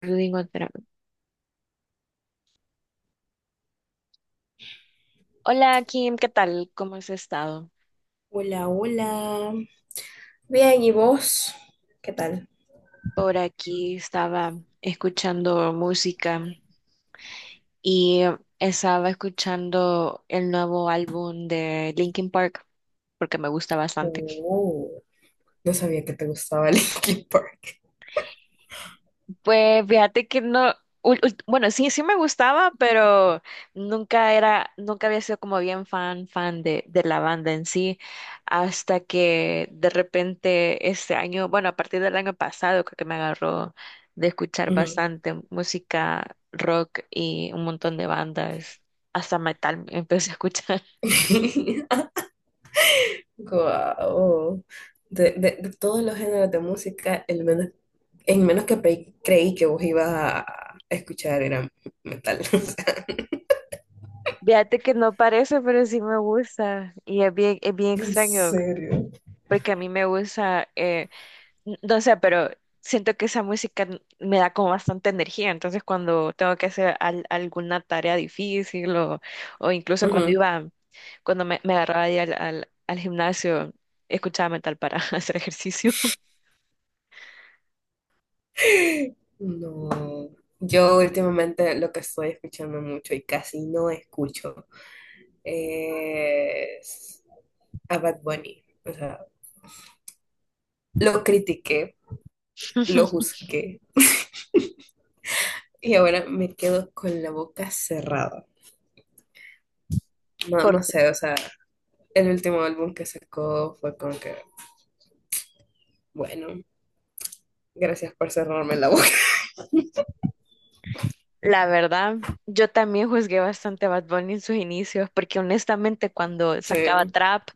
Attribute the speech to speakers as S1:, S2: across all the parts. S1: Rodrigo Andrade. Hola Kim, ¿qué tal? ¿Cómo has estado?
S2: Hola, hola. Bien, ¿y vos? ¿Qué tal?
S1: Por aquí estaba escuchando música y estaba escuchando el nuevo álbum de Linkin Park porque me gusta bastante.
S2: Oh, no sabía que te gustaba Linkin Park.
S1: Pues fíjate que no, bueno, sí, sí me gustaba, pero nunca había sido como bien fan, de la banda en sí, hasta que de repente este año, bueno, a partir del año pasado creo que me agarró de escuchar
S2: Ujú.
S1: bastante música rock y un montón de bandas, hasta metal empecé a escuchar.
S2: Guau. De todos los géneros de música, el menos en menos que creí que vos ibas a escuchar era metal. O sea,
S1: Fíjate que no parece, pero sí me gusta y es bien
S2: ¿en
S1: extraño,
S2: serio?
S1: porque a mí me gusta... no sé, pero siento que esa me da como bastante energía. Entonces, cuando tengo que hacer alguna tarea difícil o incluso cuando
S2: Ujú.
S1: iba, cuando me agarraba ahí al gimnasio, escuchaba metal para hacer ejercicio.
S2: No. Yo últimamente lo que estoy escuchando mucho y casi no escucho es a Bad Bunny. O sea, lo critiqué, lo juzgué y ahora me quedo con la boca cerrada. No, no
S1: Porque
S2: sé, o sea, el último álbum que sacó fue como que, bueno, gracias por cerrarme la boca.
S1: la verdad, yo también juzgué bastante a Bad Bunny en sus inicios, porque honestamente cuando sacaba
S2: Sí,
S1: trap,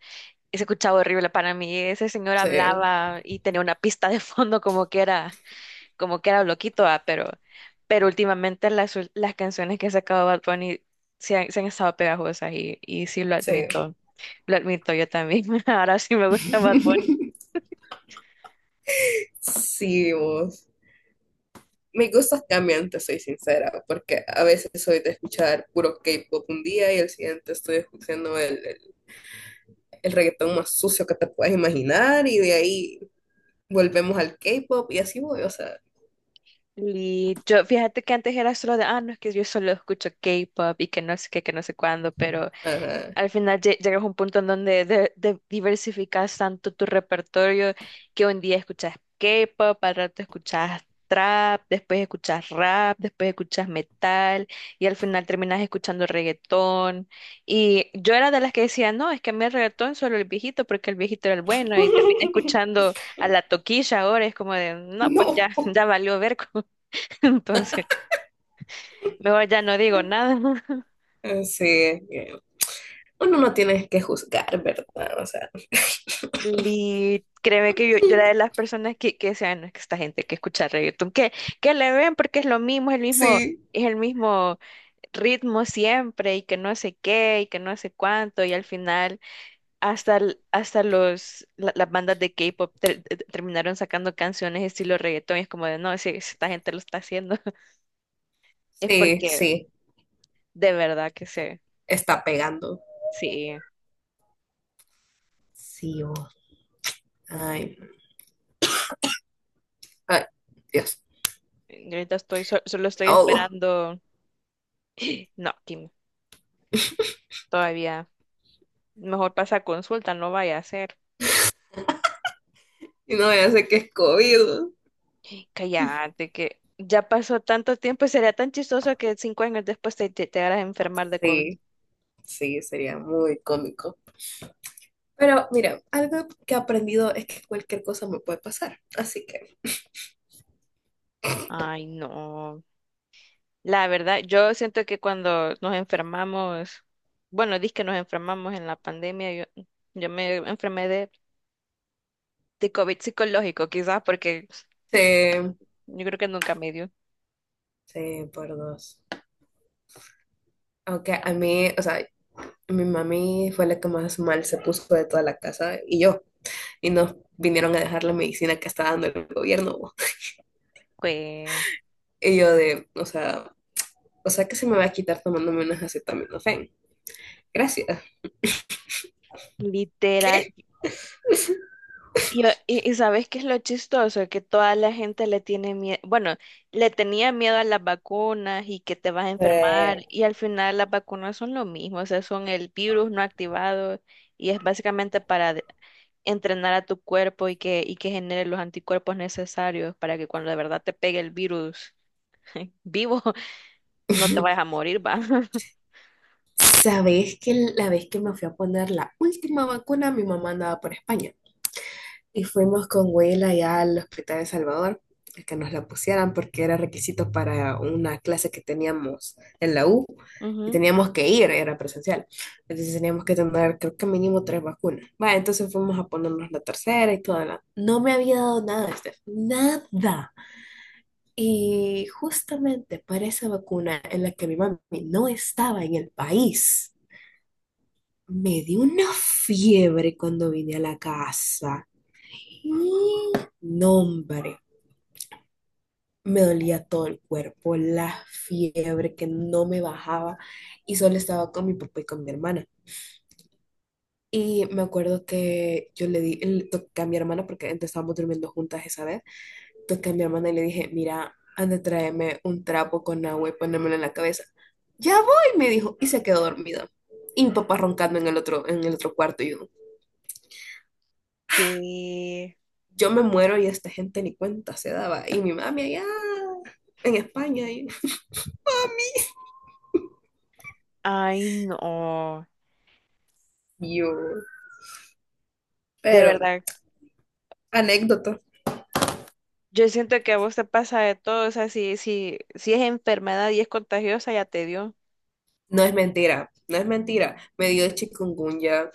S1: se escuchaba horrible para mí. Ese señor
S2: sí,
S1: hablaba y tenía una pista de fondo como que era. Como que era loquito, ah, pero últimamente las canciones que ha sacado Bad Bunny se han estado pegajosas y sí
S2: sí.
S1: lo admito yo también. Ahora sí me gusta Bad Bunny.
S2: Sí, vos. Mis gustos cambian, te soy sincera, porque a veces soy de escuchar puro K-pop un día y el siguiente estoy escuchando el reggaetón más sucio que te puedas imaginar y de ahí volvemos al K-pop y así voy, o sea,
S1: Y yo, fíjate que antes era solo de, ah, no, es que yo solo escucho K-pop y que no sé qué, que no sé cuándo, pero
S2: ajá.
S1: al final llegas a un punto en donde diversificas tanto tu repertorio que un día escuchas K-pop, al rato escuchas trap, después escuchas rap, después escuchas metal y al final terminas escuchando reggaetón. Y yo era de las que decía, no, es que a mí el reggaetón solo el viejito porque el viejito era el bueno y terminé escuchando a la toquilla ahora, es como de, no, pues ya,
S2: No.
S1: ya valió ver, entonces mejor ya no digo nada.
S2: Sí, es que uno no tiene que juzgar, ¿verdad? O sea,
S1: Y créeme que yo era de las personas que decían, no, es que esta gente que escucha reggaetón, que le ven porque es lo mismo,
S2: sí,
S1: es el mismo ritmo siempre, y que no sé qué, y que no sé cuánto, y al final hasta, hasta las bandas de K-pop terminaron sacando canciones estilo reggaetón, y es como de, no, si, si esta gente lo está haciendo, es
S2: sí,
S1: porque
S2: sí,
S1: de verdad que sé,
S2: está pegando.
S1: sí,
S2: Sí, vos. Ay, ay, Dios,
S1: y ahorita solo
S2: me
S1: estoy
S2: ahogo.
S1: esperando, no, Kim, todavía. Mejor pasa a consulta, no vaya a ser.
S2: Y no, ya sé que es COVID.
S1: Cállate, que ya pasó tanto tiempo y sería tan chistoso que cinco años después te hagas enfermar de COVID.
S2: Sí, sí, sería muy cómico. Pero mira, algo que he aprendido es que cualquier cosa me puede pasar. Así que,
S1: Ay, no. La verdad, yo siento que cuando nos enfermamos, bueno, dis que nos enfermamos en la pandemia, yo me enfermé de COVID psicológico, quizás porque
S2: sí,
S1: yo creo que nunca me dio.
S2: sí, por dos. Aunque a mí, o sea, mi mami fue la que más mal se puso de toda la casa y yo. Y nos vinieron a dejar la medicina que está dando el gobierno. Bo.
S1: Fue
S2: Y yo de, o sea que se me va a quitar tomándome unas acetaminofén. Gracias.
S1: literal.
S2: ¿Qué?
S1: Y, y ¿sabes qué es lo chistoso? Que toda la gente le tiene miedo, bueno, le tenía miedo a las vacunas y que te vas a enfermar
S2: Eh.
S1: y al final las vacunas son lo mismo, o sea, son el virus no activado y es básicamente para entrenar a tu cuerpo y y que genere los anticuerpos necesarios para que cuando de verdad te pegue el virus vivo no te vayas a morir, va.
S2: Sabes que la vez que me fui a poner la última vacuna, mi mamá andaba por España y fuimos con Huela ya al Hospital de Salvador a que nos la pusieran porque era requisito para una clase que teníamos en la U y
S1: Ujú.
S2: teníamos que ir, era presencial. Entonces teníamos que tener, creo que mínimo 3 vacunas. Va, entonces fuimos a ponernos la tercera y toda la... No me había dado nada, Steph, nada. Y justamente para esa vacuna en la que mi mami no estaba en el país. Me dio una fiebre cuando vine a la casa. Y no, hombre, me dolía todo el cuerpo, la fiebre que no me bajaba y solo estaba con mi papá y con mi hermana. Y me acuerdo que yo le di, le toqué a mi hermana, porque antes estábamos durmiendo juntas esa vez, toqué a mi hermana y le dije, mira, anda, tráeme un trapo con agua y ponérmelo en la cabeza. Ya voy, me dijo, y se quedó dormido. Y mi papá roncando en el otro cuarto y yo,
S1: Que,
S2: yo me muero y esta gente ni cuenta se daba. Y mi mami allá en España. Y
S1: ay, no,
S2: yo.
S1: de
S2: Pero,
S1: verdad.
S2: anécdota.
S1: Yo siento que a vos te pasa de todo, o sea, si es enfermedad y es contagiosa, ya te dio.
S2: No es mentira, no es mentira. Me dio chikungunya,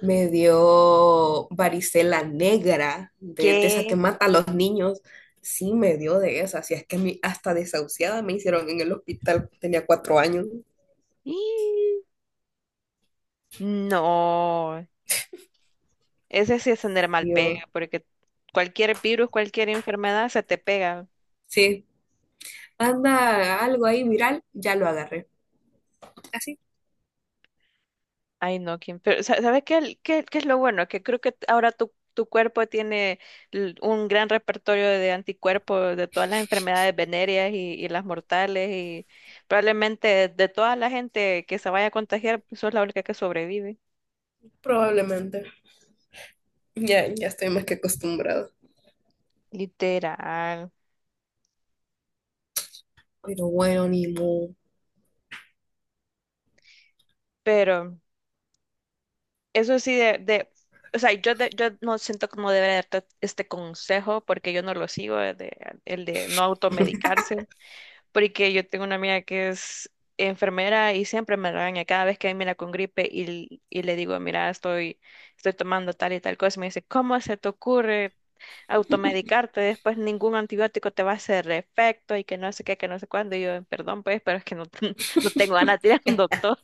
S2: me dio varicela negra, de esa que
S1: ¿Qué?
S2: mata a los niños. Sí, me dio de esa. Si es que a mí hasta desahuciada me hicieron en el hospital, tenía 4 años.
S1: ¡Ih! No, ese sí es tener mal
S2: Y
S1: pega,
S2: yo,
S1: porque cualquier virus, cualquier enfermedad se te pega.
S2: sí, anda algo ahí viral, ya lo agarré. Así,
S1: Ay, no, ¿quién? Pero, ¿sabes qué, qué es lo bueno? Que creo que ahora tu cuerpo tiene un gran repertorio de anticuerpos de todas las enfermedades venéreas y las mortales, y probablemente de toda la gente que se vaya a contagiar, sos la única que sobrevive.
S2: probablemente. Ya, ya estoy más que acostumbrado.
S1: Literal.
S2: Pero bueno, ni modo.
S1: Pero eso sí de o sea, yo, yo no siento como deber darte este consejo porque yo no lo sigo, el de no automedicarse, porque yo tengo una amiga que es enfermera y siempre me regaña cada vez que mira con gripe y le digo, mira, estoy, estoy tomando tal y tal cosa, y me dice, ¿cómo se te ocurre automedicarte? Después ningún antibiótico te va a hacer efecto y que no sé qué, que no sé cuándo. Y yo, perdón, pues, pero es que no, no tengo ganas de ir al doctor.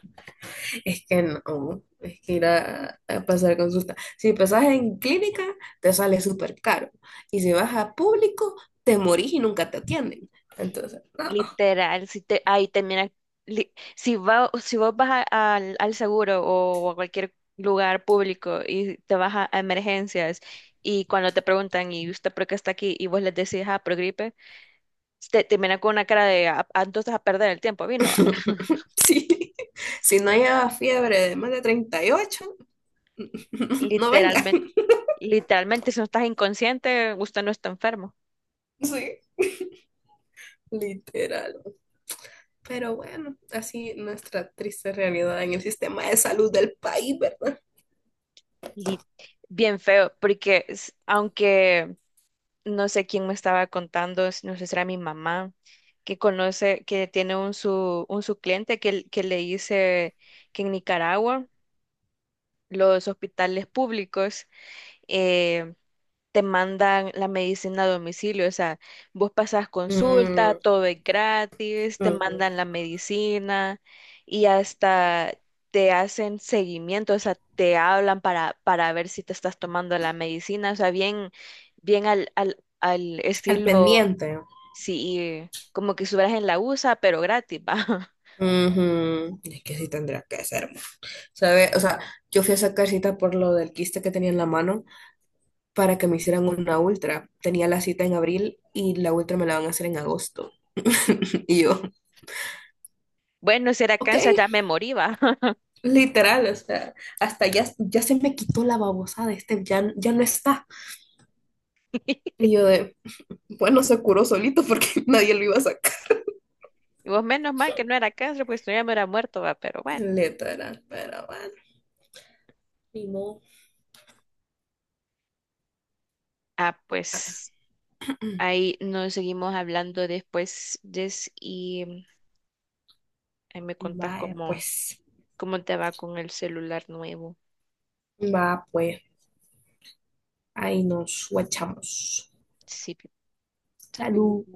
S2: Es que no, es que ir a pasar consulta. Si pasas en clínica, te sale súper caro. Y si vas a público, te morís y nunca te atienden. Entonces, no.
S1: Literal, si te, ahí te mira, si va, si vos vas al seguro o a cualquier lugar público y te vas a emergencias y cuando te preguntan y usted por qué está aquí y vos les decís, ah, por gripe, te miran con una cara de, "Ah, ah, entonces a perder el tiempo, vino."
S2: Sí. Si no lleva fiebre de más de 38, no venga.
S1: Literalmente, literalmente, si no estás inconsciente, usted no está enfermo.
S2: Sí, literal. Pero bueno, así nuestra triste realidad en el sistema de salud del país, ¿verdad?
S1: Li- Bien feo, porque aunque no sé quién me estaba contando, no sé si era mi mamá, que conoce, que tiene un su cliente que le dice que en Nicaragua los hospitales públicos eh, te mandan la medicina a domicilio, o sea, vos pasas consulta,
S2: Mm,
S1: todo es gratis, te
S2: ujú.
S1: mandan la medicina y hasta... te hacen seguimiento, o sea, te hablan para ver si te estás tomando la medicina, o sea, bien, bien al
S2: Al
S1: estilo.
S2: pendiente.
S1: Sí, como que estuvieras en la USA, pero gratis, va.
S2: Ujú, es que sí tendría que ser, ¿sabe? O sea, yo fui a sacar cita por lo del quiste que tenía en la mano para que me hicieran una ultra. Tenía la cita en abril y la ultra me la van a hacer en agosto. Y yo,
S1: Bueno, si era
S2: ok,
S1: cáncer ya me morí, va.
S2: literal, o sea, hasta ya, ya se me quitó la babosada, este ya, ya no está. Y yo de, bueno, se curó solito porque nadie lo iba a sacar.
S1: Y vos menos mal que no era cáncer, pues tú ya me hubiera muerto, va, pero bueno.
S2: Literal, pero bueno, ni modo.
S1: Ah, pues ahí nos seguimos hablando después, Jess, y ahí me contás
S2: Vaya,
S1: cómo,
S2: pues,
S1: cómo te va con el celular nuevo.
S2: va, pues, ahí nos guachamos.
S1: Sí, salud.
S2: Salud.